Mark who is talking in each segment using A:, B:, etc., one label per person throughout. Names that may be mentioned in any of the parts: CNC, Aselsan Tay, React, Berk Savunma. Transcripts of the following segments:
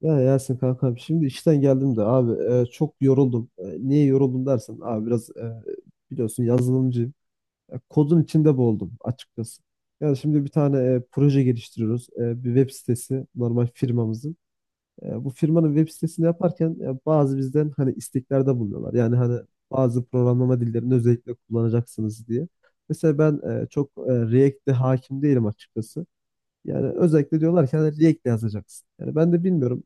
A: Ya Yasin kankam, şimdi işten geldim de abi, çok yoruldum. Niye yoruldum dersen abi biraz, biliyorsun yazılımcıyım. Kodun içinde boğuldum açıkçası. Yani şimdi bir tane proje geliştiriyoruz. Bir web sitesi, normal firmamızın. Bu firmanın web sitesini yaparken bazı, bizden hani isteklerde bulunuyorlar. Yani hani bazı programlama dillerini özellikle kullanacaksınız diye. Mesela ben çok React'e hakim değilim açıkçası. Yani özellikle diyorlar ki hani React yazacaksın. Yani ben de bilmiyorum.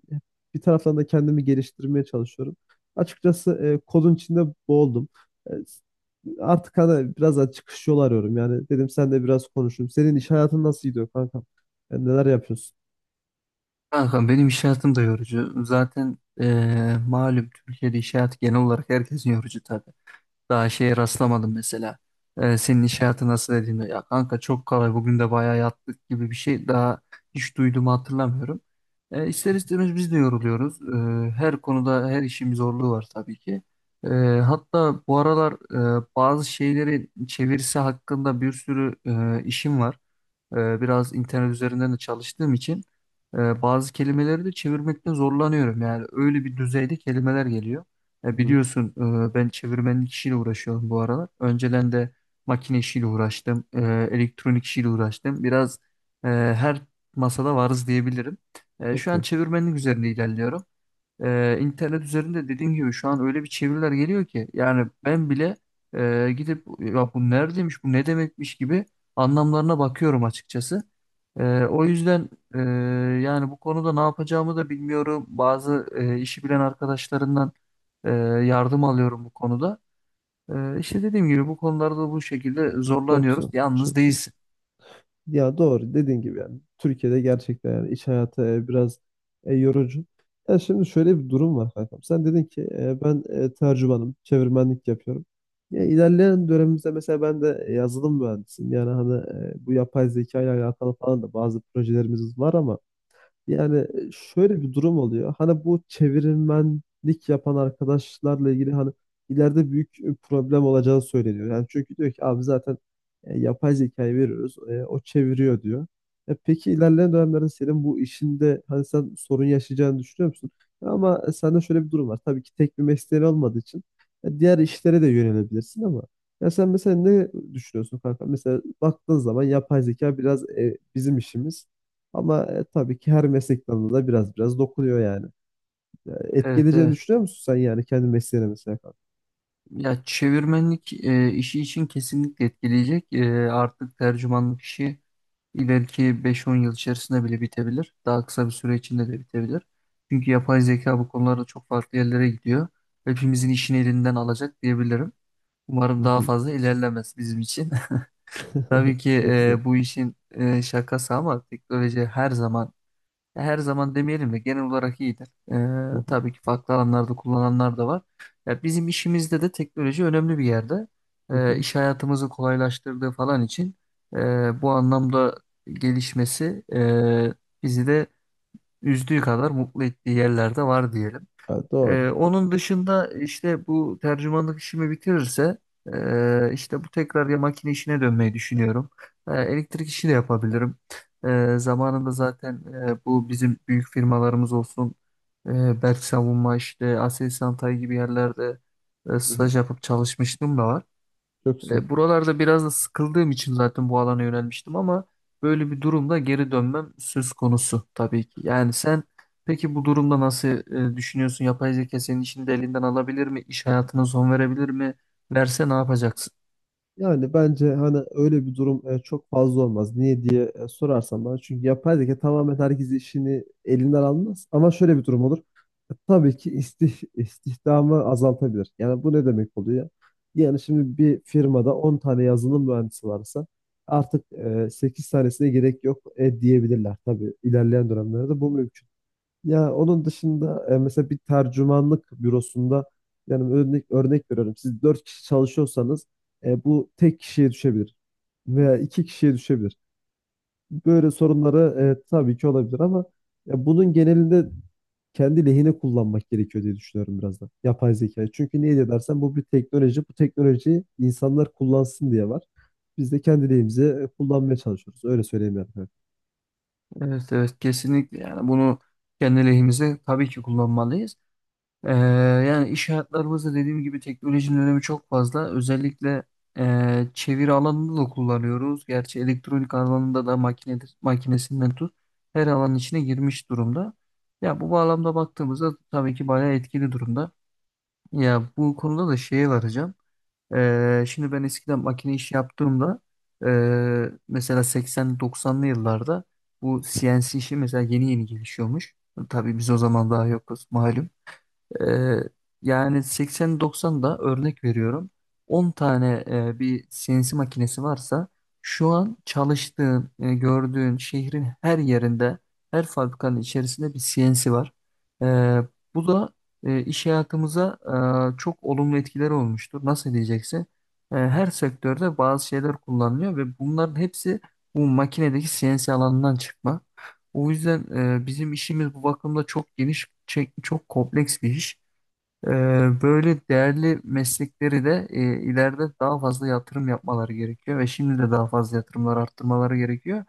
A: Bir taraftan da kendimi geliştirmeye çalışıyorum. Açıkçası kodun içinde boğuldum. E, artık hani biraz daha çıkış yolu arıyorum. Yani dedim sen de biraz konuşayım. Senin iş hayatın nasıl gidiyor kanka? Yani neler yapıyorsun?
B: Kanka benim iş hayatım da yorucu. Zaten malum Türkiye'de iş hayatı genel olarak herkesin yorucu tabii. Daha şeye rastlamadım mesela. Senin iş hayatı nasıl dediğinde ya kanka çok kolay bugün de bayağı yattık gibi bir şey daha hiç duyduğumu hatırlamıyorum. İster istemez biz de yoruluyoruz. Her konuda her işin bir zorluğu var tabii ki. Hatta bu aralar bazı şeyleri çevirisi hakkında bir sürü işim var. Biraz internet üzerinden de çalıştığım için bazı kelimeleri de çevirmekte zorlanıyorum. Yani öyle bir düzeyde kelimeler geliyor.
A: Hı hı.
B: Biliyorsun ben çevirmenlik işiyle uğraşıyorum bu aralar. Önceden de makine işiyle uğraştım, elektronik işiyle uğraştım. Biraz her masada varız diyebilirim. Şu
A: Çok
B: an
A: iyi.
B: çevirmenlik üzerinde ilerliyorum. İnternet üzerinde dediğim gibi şu an öyle bir çeviriler geliyor ki yani ben bile gidip ya bu neredeymiş bu ne demekmiş gibi anlamlarına bakıyorum açıkçası. O yüzden e, yani bu konuda ne yapacağımı da bilmiyorum. Bazı işi bilen arkadaşlarından yardım alıyorum bu konuda. İşte dediğim gibi bu konularda bu şekilde
A: Çok güzel.
B: zorlanıyoruz.
A: Çok
B: Yalnız
A: güzel.
B: değilsin.
A: Ya, doğru dediğin gibi yani. Türkiye'de gerçekten yani iş hayatı biraz yorucu. Ya şimdi şöyle bir durum var kankam. Sen dedin ki ben tercümanım, çevirmenlik yapıyorum. Ya ilerleyen dönemimizde mesela ben de yazılım mühendisiyim. Yani hani bu yapay zeka ile alakalı falan da bazı projelerimiz var ama yani şöyle bir durum oluyor. Hani bu çevirmenlik yapan arkadaşlarla ilgili hani ileride büyük problem olacağı söyleniyor. Yani çünkü diyor ki abi, zaten yapay zekayı veriyoruz. O çeviriyor diyor. Peki ilerleyen dönemlerde senin bu işinde hani sen sorun yaşayacağını düşünüyor musun? Ama sende şöyle bir durum var. Tabii ki tek bir mesleğin olmadığı için diğer işlere de yönelebilirsin ama ya sen mesela ne düşünüyorsun kanka? Mesela baktığın zaman yapay zeka biraz bizim işimiz. Ama tabii ki her meslek dalına da biraz biraz dokunuyor yani. Ya, etki
B: Evet,
A: edeceğini
B: evet.
A: düşünüyor musun sen yani kendi mesleğine mesela, kanka?
B: Ya çevirmenlik işi için kesinlikle etkileyecek. E, artık tercümanlık işi ileriki 5-10 yıl içerisinde bile bitebilir. Daha kısa bir süre içinde de bitebilir. Çünkü yapay zeka bu konularda çok farklı yerlere gidiyor. Hepimizin işini elinden alacak diyebilirim. Umarım
A: Hı
B: daha
A: hı.
B: fazla ilerlemez bizim için. Tabii ki
A: Çok güzel.
B: bu işin şakası ama teknoloji her zaman ya her zaman demeyelim de genel olarak iyidir.
A: Hı hı.
B: Tabii ki farklı alanlarda kullananlar da var. Ya bizim işimizde de teknoloji önemli bir yerde.
A: Hı hı.
B: İş hayatımızı kolaylaştırdığı falan için bu anlamda gelişmesi bizi de üzdüğü kadar mutlu ettiği yerlerde var diyelim.
A: Ha, doğru.
B: Onun dışında işte bu tercümanlık işimi bitirirse işte bu tekrar ya makine işine dönmeyi düşünüyorum. Elektrik işi de yapabilirim. Zamanında zaten bu bizim büyük firmalarımız olsun Berk Savunma işte Aselsan Tay gibi yerlerde
A: Hı hı.
B: staj yapıp çalışmıştım da var.
A: Çok güzel.
B: Buralarda biraz da sıkıldığım için zaten bu alana yönelmiştim ama böyle bir durumda geri dönmem söz konusu tabii ki. Yani sen peki bu durumda nasıl düşünüyorsun? Yapay zeka senin işini de elinden alabilir mi? İş hayatına son verebilir mi? Verse ne yapacaksın?
A: Yani bence hani öyle bir durum çok fazla olmaz. Niye diye sorarsan bana. Çünkü yapay zeka tamamen herkes işini elinden almaz. Ama şöyle bir durum olur. Tabii ki istihdamı azaltabilir. Yani bu ne demek oluyor? Yani şimdi bir firmada 10 tane yazılım mühendisi varsa artık 8 tanesine gerek yok diyebilirler. Tabii ilerleyen dönemlerde bu mümkün. Ya onun dışında mesela bir tercümanlık bürosunda yani örnek örnek veriyorum. Siz dört kişi çalışıyorsanız bu tek kişiye düşebilir veya iki kişiye düşebilir. Böyle sorunları tabii ki olabilir ama ya bunun genelinde kendi lehine kullanmak gerekiyor diye düşünüyorum, biraz da yapay zekayı. Çünkü niye diye dersen, bu bir teknoloji. Bu teknolojiyi insanlar kullansın diye var. Biz de kendi lehimize kullanmaya çalışıyoruz. Öyle söyleyeyim yani.
B: Evet, evet, kesinlikle yani bunu kendi lehimize tabii ki kullanmalıyız. Ee, Yani iş hayatlarımızda dediğim gibi teknolojinin önemi çok fazla. Özellikle çeviri alanında da kullanıyoruz. Gerçi elektronik alanında da makinedir, makinesinden tut her alanın içine girmiş durumda. Ya bu bağlamda baktığımızda tabii ki bayağı etkili durumda. Ya bu konuda da şeye varacağım. Şimdi ben eskiden makine işi yaptığımda mesela 80-90'lı yıllarda bu CNC işi mesela yeni yeni gelişiyormuş. Tabii biz o zaman daha yokuz malum. Ee, Yani 80-90'da örnek veriyorum. 10 tane bir CNC makinesi varsa şu an çalıştığın, gördüğün şehrin her yerinde, her fabrikanın içerisinde bir CNC var. Ee, Bu da iş hayatımıza çok olumlu etkileri olmuştur. Nasıl diyeceksin? E, her sektörde bazı şeyler kullanılıyor ve bunların hepsi bu makinedeki CNC alanından çıkma. O yüzden bizim işimiz bu bakımda çok geniş, çok kompleks bir iş. Ee, Böyle değerli meslekleri de ileride daha fazla yatırım yapmaları gerekiyor ve şimdi de daha fazla yatırımlar arttırmaları gerekiyor.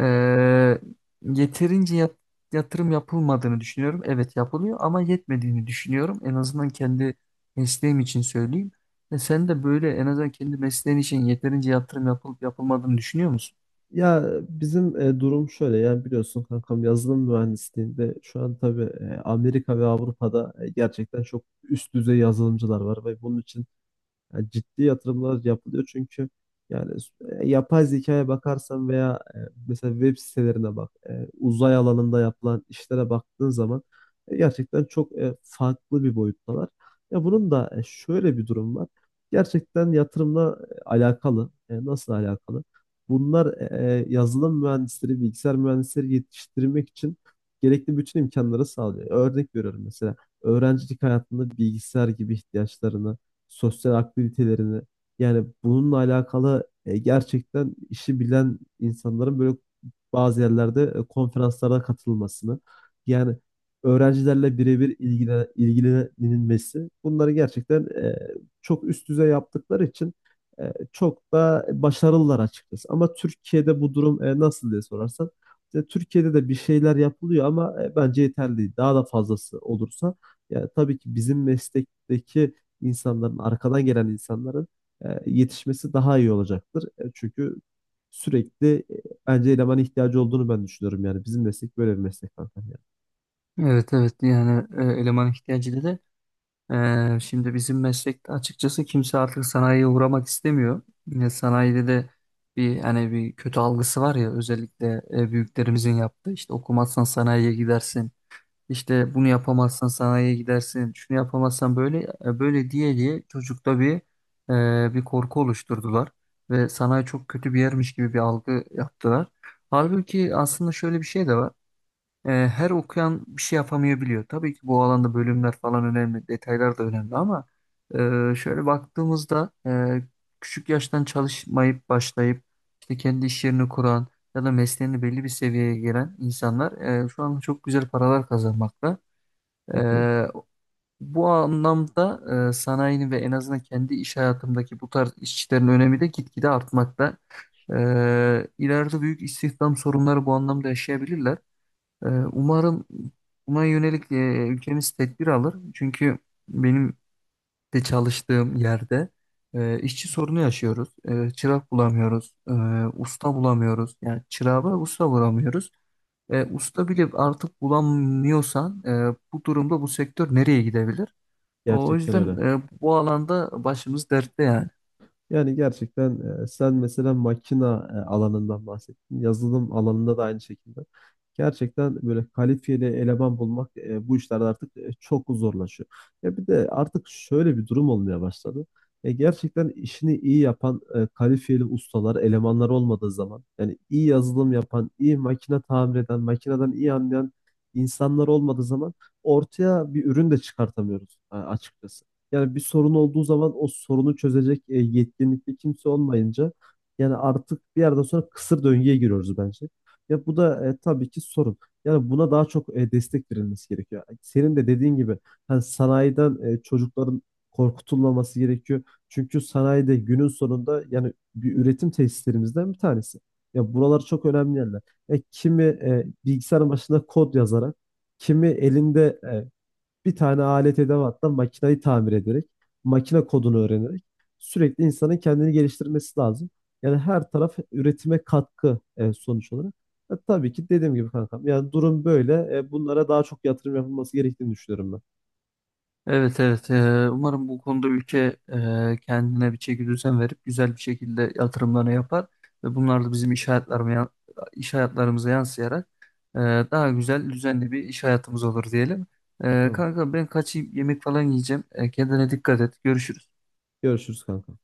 B: Ee, yeterince yat- yatırım yapılmadığını düşünüyorum. Evet yapılıyor ama yetmediğini düşünüyorum. En azından kendi mesleğim için söyleyeyim. E, sen de böyle en azından kendi mesleğin için yeterince yatırım yapılıp yapılmadığını düşünüyor musun?
A: Ya bizim durum şöyle yani, biliyorsun kankam, yazılım mühendisliğinde şu an tabii Amerika ve Avrupa'da gerçekten çok üst düzey yazılımcılar var ve bunun için yani ciddi yatırımlar yapılıyor, çünkü yani yapay zekaya bakarsan veya mesela web sitelerine bak, uzay alanında yapılan işlere baktığın zaman gerçekten çok farklı bir boyuttalar. Ya bunun da şöyle bir durum var. Gerçekten yatırımla alakalı. Nasıl alakalı? Bunlar yazılım mühendisleri, bilgisayar mühendisleri yetiştirmek için gerekli bütün imkanları sağlıyor. Örnek veriyorum, mesela öğrencilik hayatında bilgisayar gibi ihtiyaçlarını, sosyal aktivitelerini, yani bununla alakalı gerçekten işi bilen insanların böyle bazı yerlerde konferanslara katılmasını, yani öğrencilerle birebir ilgilenilmesi, bunları gerçekten çok üst düzey yaptıkları için çok da başarılılar açıkçası. Ama Türkiye'de bu durum nasıl diye sorarsan, işte Türkiye'de de bir şeyler yapılıyor ama bence yeterli değil. Daha da fazlası olursa ya tabii ki bizim meslekteki insanların, arkadan gelen insanların yetişmesi daha iyi olacaktır. Çünkü sürekli, bence elemana ihtiyacı olduğunu ben düşünüyorum yani. Bizim meslek böyle bir meslek zaten yani.
B: Evet, evet, yani eleman ihtiyacı dedi. Şimdi bizim meslekte açıkçası kimse artık sanayiye uğramak istemiyor. Yine sanayide de hani bir kötü algısı var ya özellikle büyüklerimizin yaptığı işte okumazsan sanayiye gidersin. İşte bunu yapamazsan sanayiye gidersin. Şunu yapamazsan böyle böyle diye diye çocukta bir korku oluşturdular ve sanayi çok kötü bir yermiş gibi bir algı yaptılar. Halbuki aslında şöyle bir şey de var. E, her okuyan bir şey yapamayabiliyor. Tabii ki bu alanda bölümler falan önemli, detaylar da önemli ama şöyle baktığımızda küçük yaştan çalışmayıp başlayıp işte kendi iş yerini kuran ya da mesleğini belli bir seviyeye gelen insanlar şu an çok güzel paralar kazanmakta.
A: Hı
B: E,
A: hı.
B: Bu anlamda sanayinin ve en azından kendi iş hayatımdaki bu tarz işçilerin önemi de gitgide artmakta. E, ileride büyük istihdam sorunları bu anlamda yaşayabilirler. Umarım buna yönelik ülkemiz tedbir alır. Çünkü benim de çalıştığım yerde işçi sorunu yaşıyoruz. E, çırak bulamıyoruz, usta bulamıyoruz. Yani çırağı ve usta bulamıyoruz. E, usta bile artık bulamıyorsan bu durumda bu sektör nereye gidebilir? O
A: Gerçekten
B: yüzden
A: öyle.
B: bu alanda başımız dertte yani.
A: Yani gerçekten sen mesela makina alanından bahsettin. Yazılım alanında da aynı şekilde. Gerçekten böyle kalifiyeli eleman bulmak bu işlerde artık çok zorlaşıyor. Ya bir de artık şöyle bir durum olmaya başladı. Gerçekten işini iyi yapan kalifiyeli ustalar, elemanlar olmadığı zaman, yani iyi yazılım yapan, iyi makine tamir eden, makineden iyi anlayan insanlar olmadığı zaman ortaya bir ürün de çıkartamıyoruz açıkçası. Yani bir sorun olduğu zaman o sorunu çözecek yetkinlikte kimse olmayınca, yani artık bir yerden sonra kısır döngüye giriyoruz bence. Ya bu da tabii ki sorun. Yani buna daha çok destek verilmesi gerekiyor. Senin de dediğin gibi, hani sanayiden çocukların korkutulmaması gerekiyor. Çünkü sanayide günün sonunda yani bir, üretim tesislerimizden bir tanesi. Ya buralar çok önemli yerler. Kimi bilgisayarın başında kod yazarak, kimi elinde bir tane alet edevattan makinayı tamir ederek, makine kodunu öğrenerek sürekli insanın kendini geliştirmesi lazım. Yani her taraf üretime katkı, sonuç olarak. Tabii ki dediğim gibi kankam. Yani durum böyle. Bunlara daha çok yatırım yapılması gerektiğini düşünüyorum ben.
B: Evet, evet. Umarım bu konuda ülke kendine bir çekidüzen verip güzel bir şekilde yatırımlarını yapar ve bunlar da bizim iş hayatlarımıza, iş hayatlarımıza yansıyarak e, daha güzel düzenli bir iş hayatımız olur diyelim. E,
A: Tamam.
B: kanka ben kaçayım yemek falan yiyeceğim. E, kendine dikkat et. Görüşürüz.
A: Görüşürüz kankam.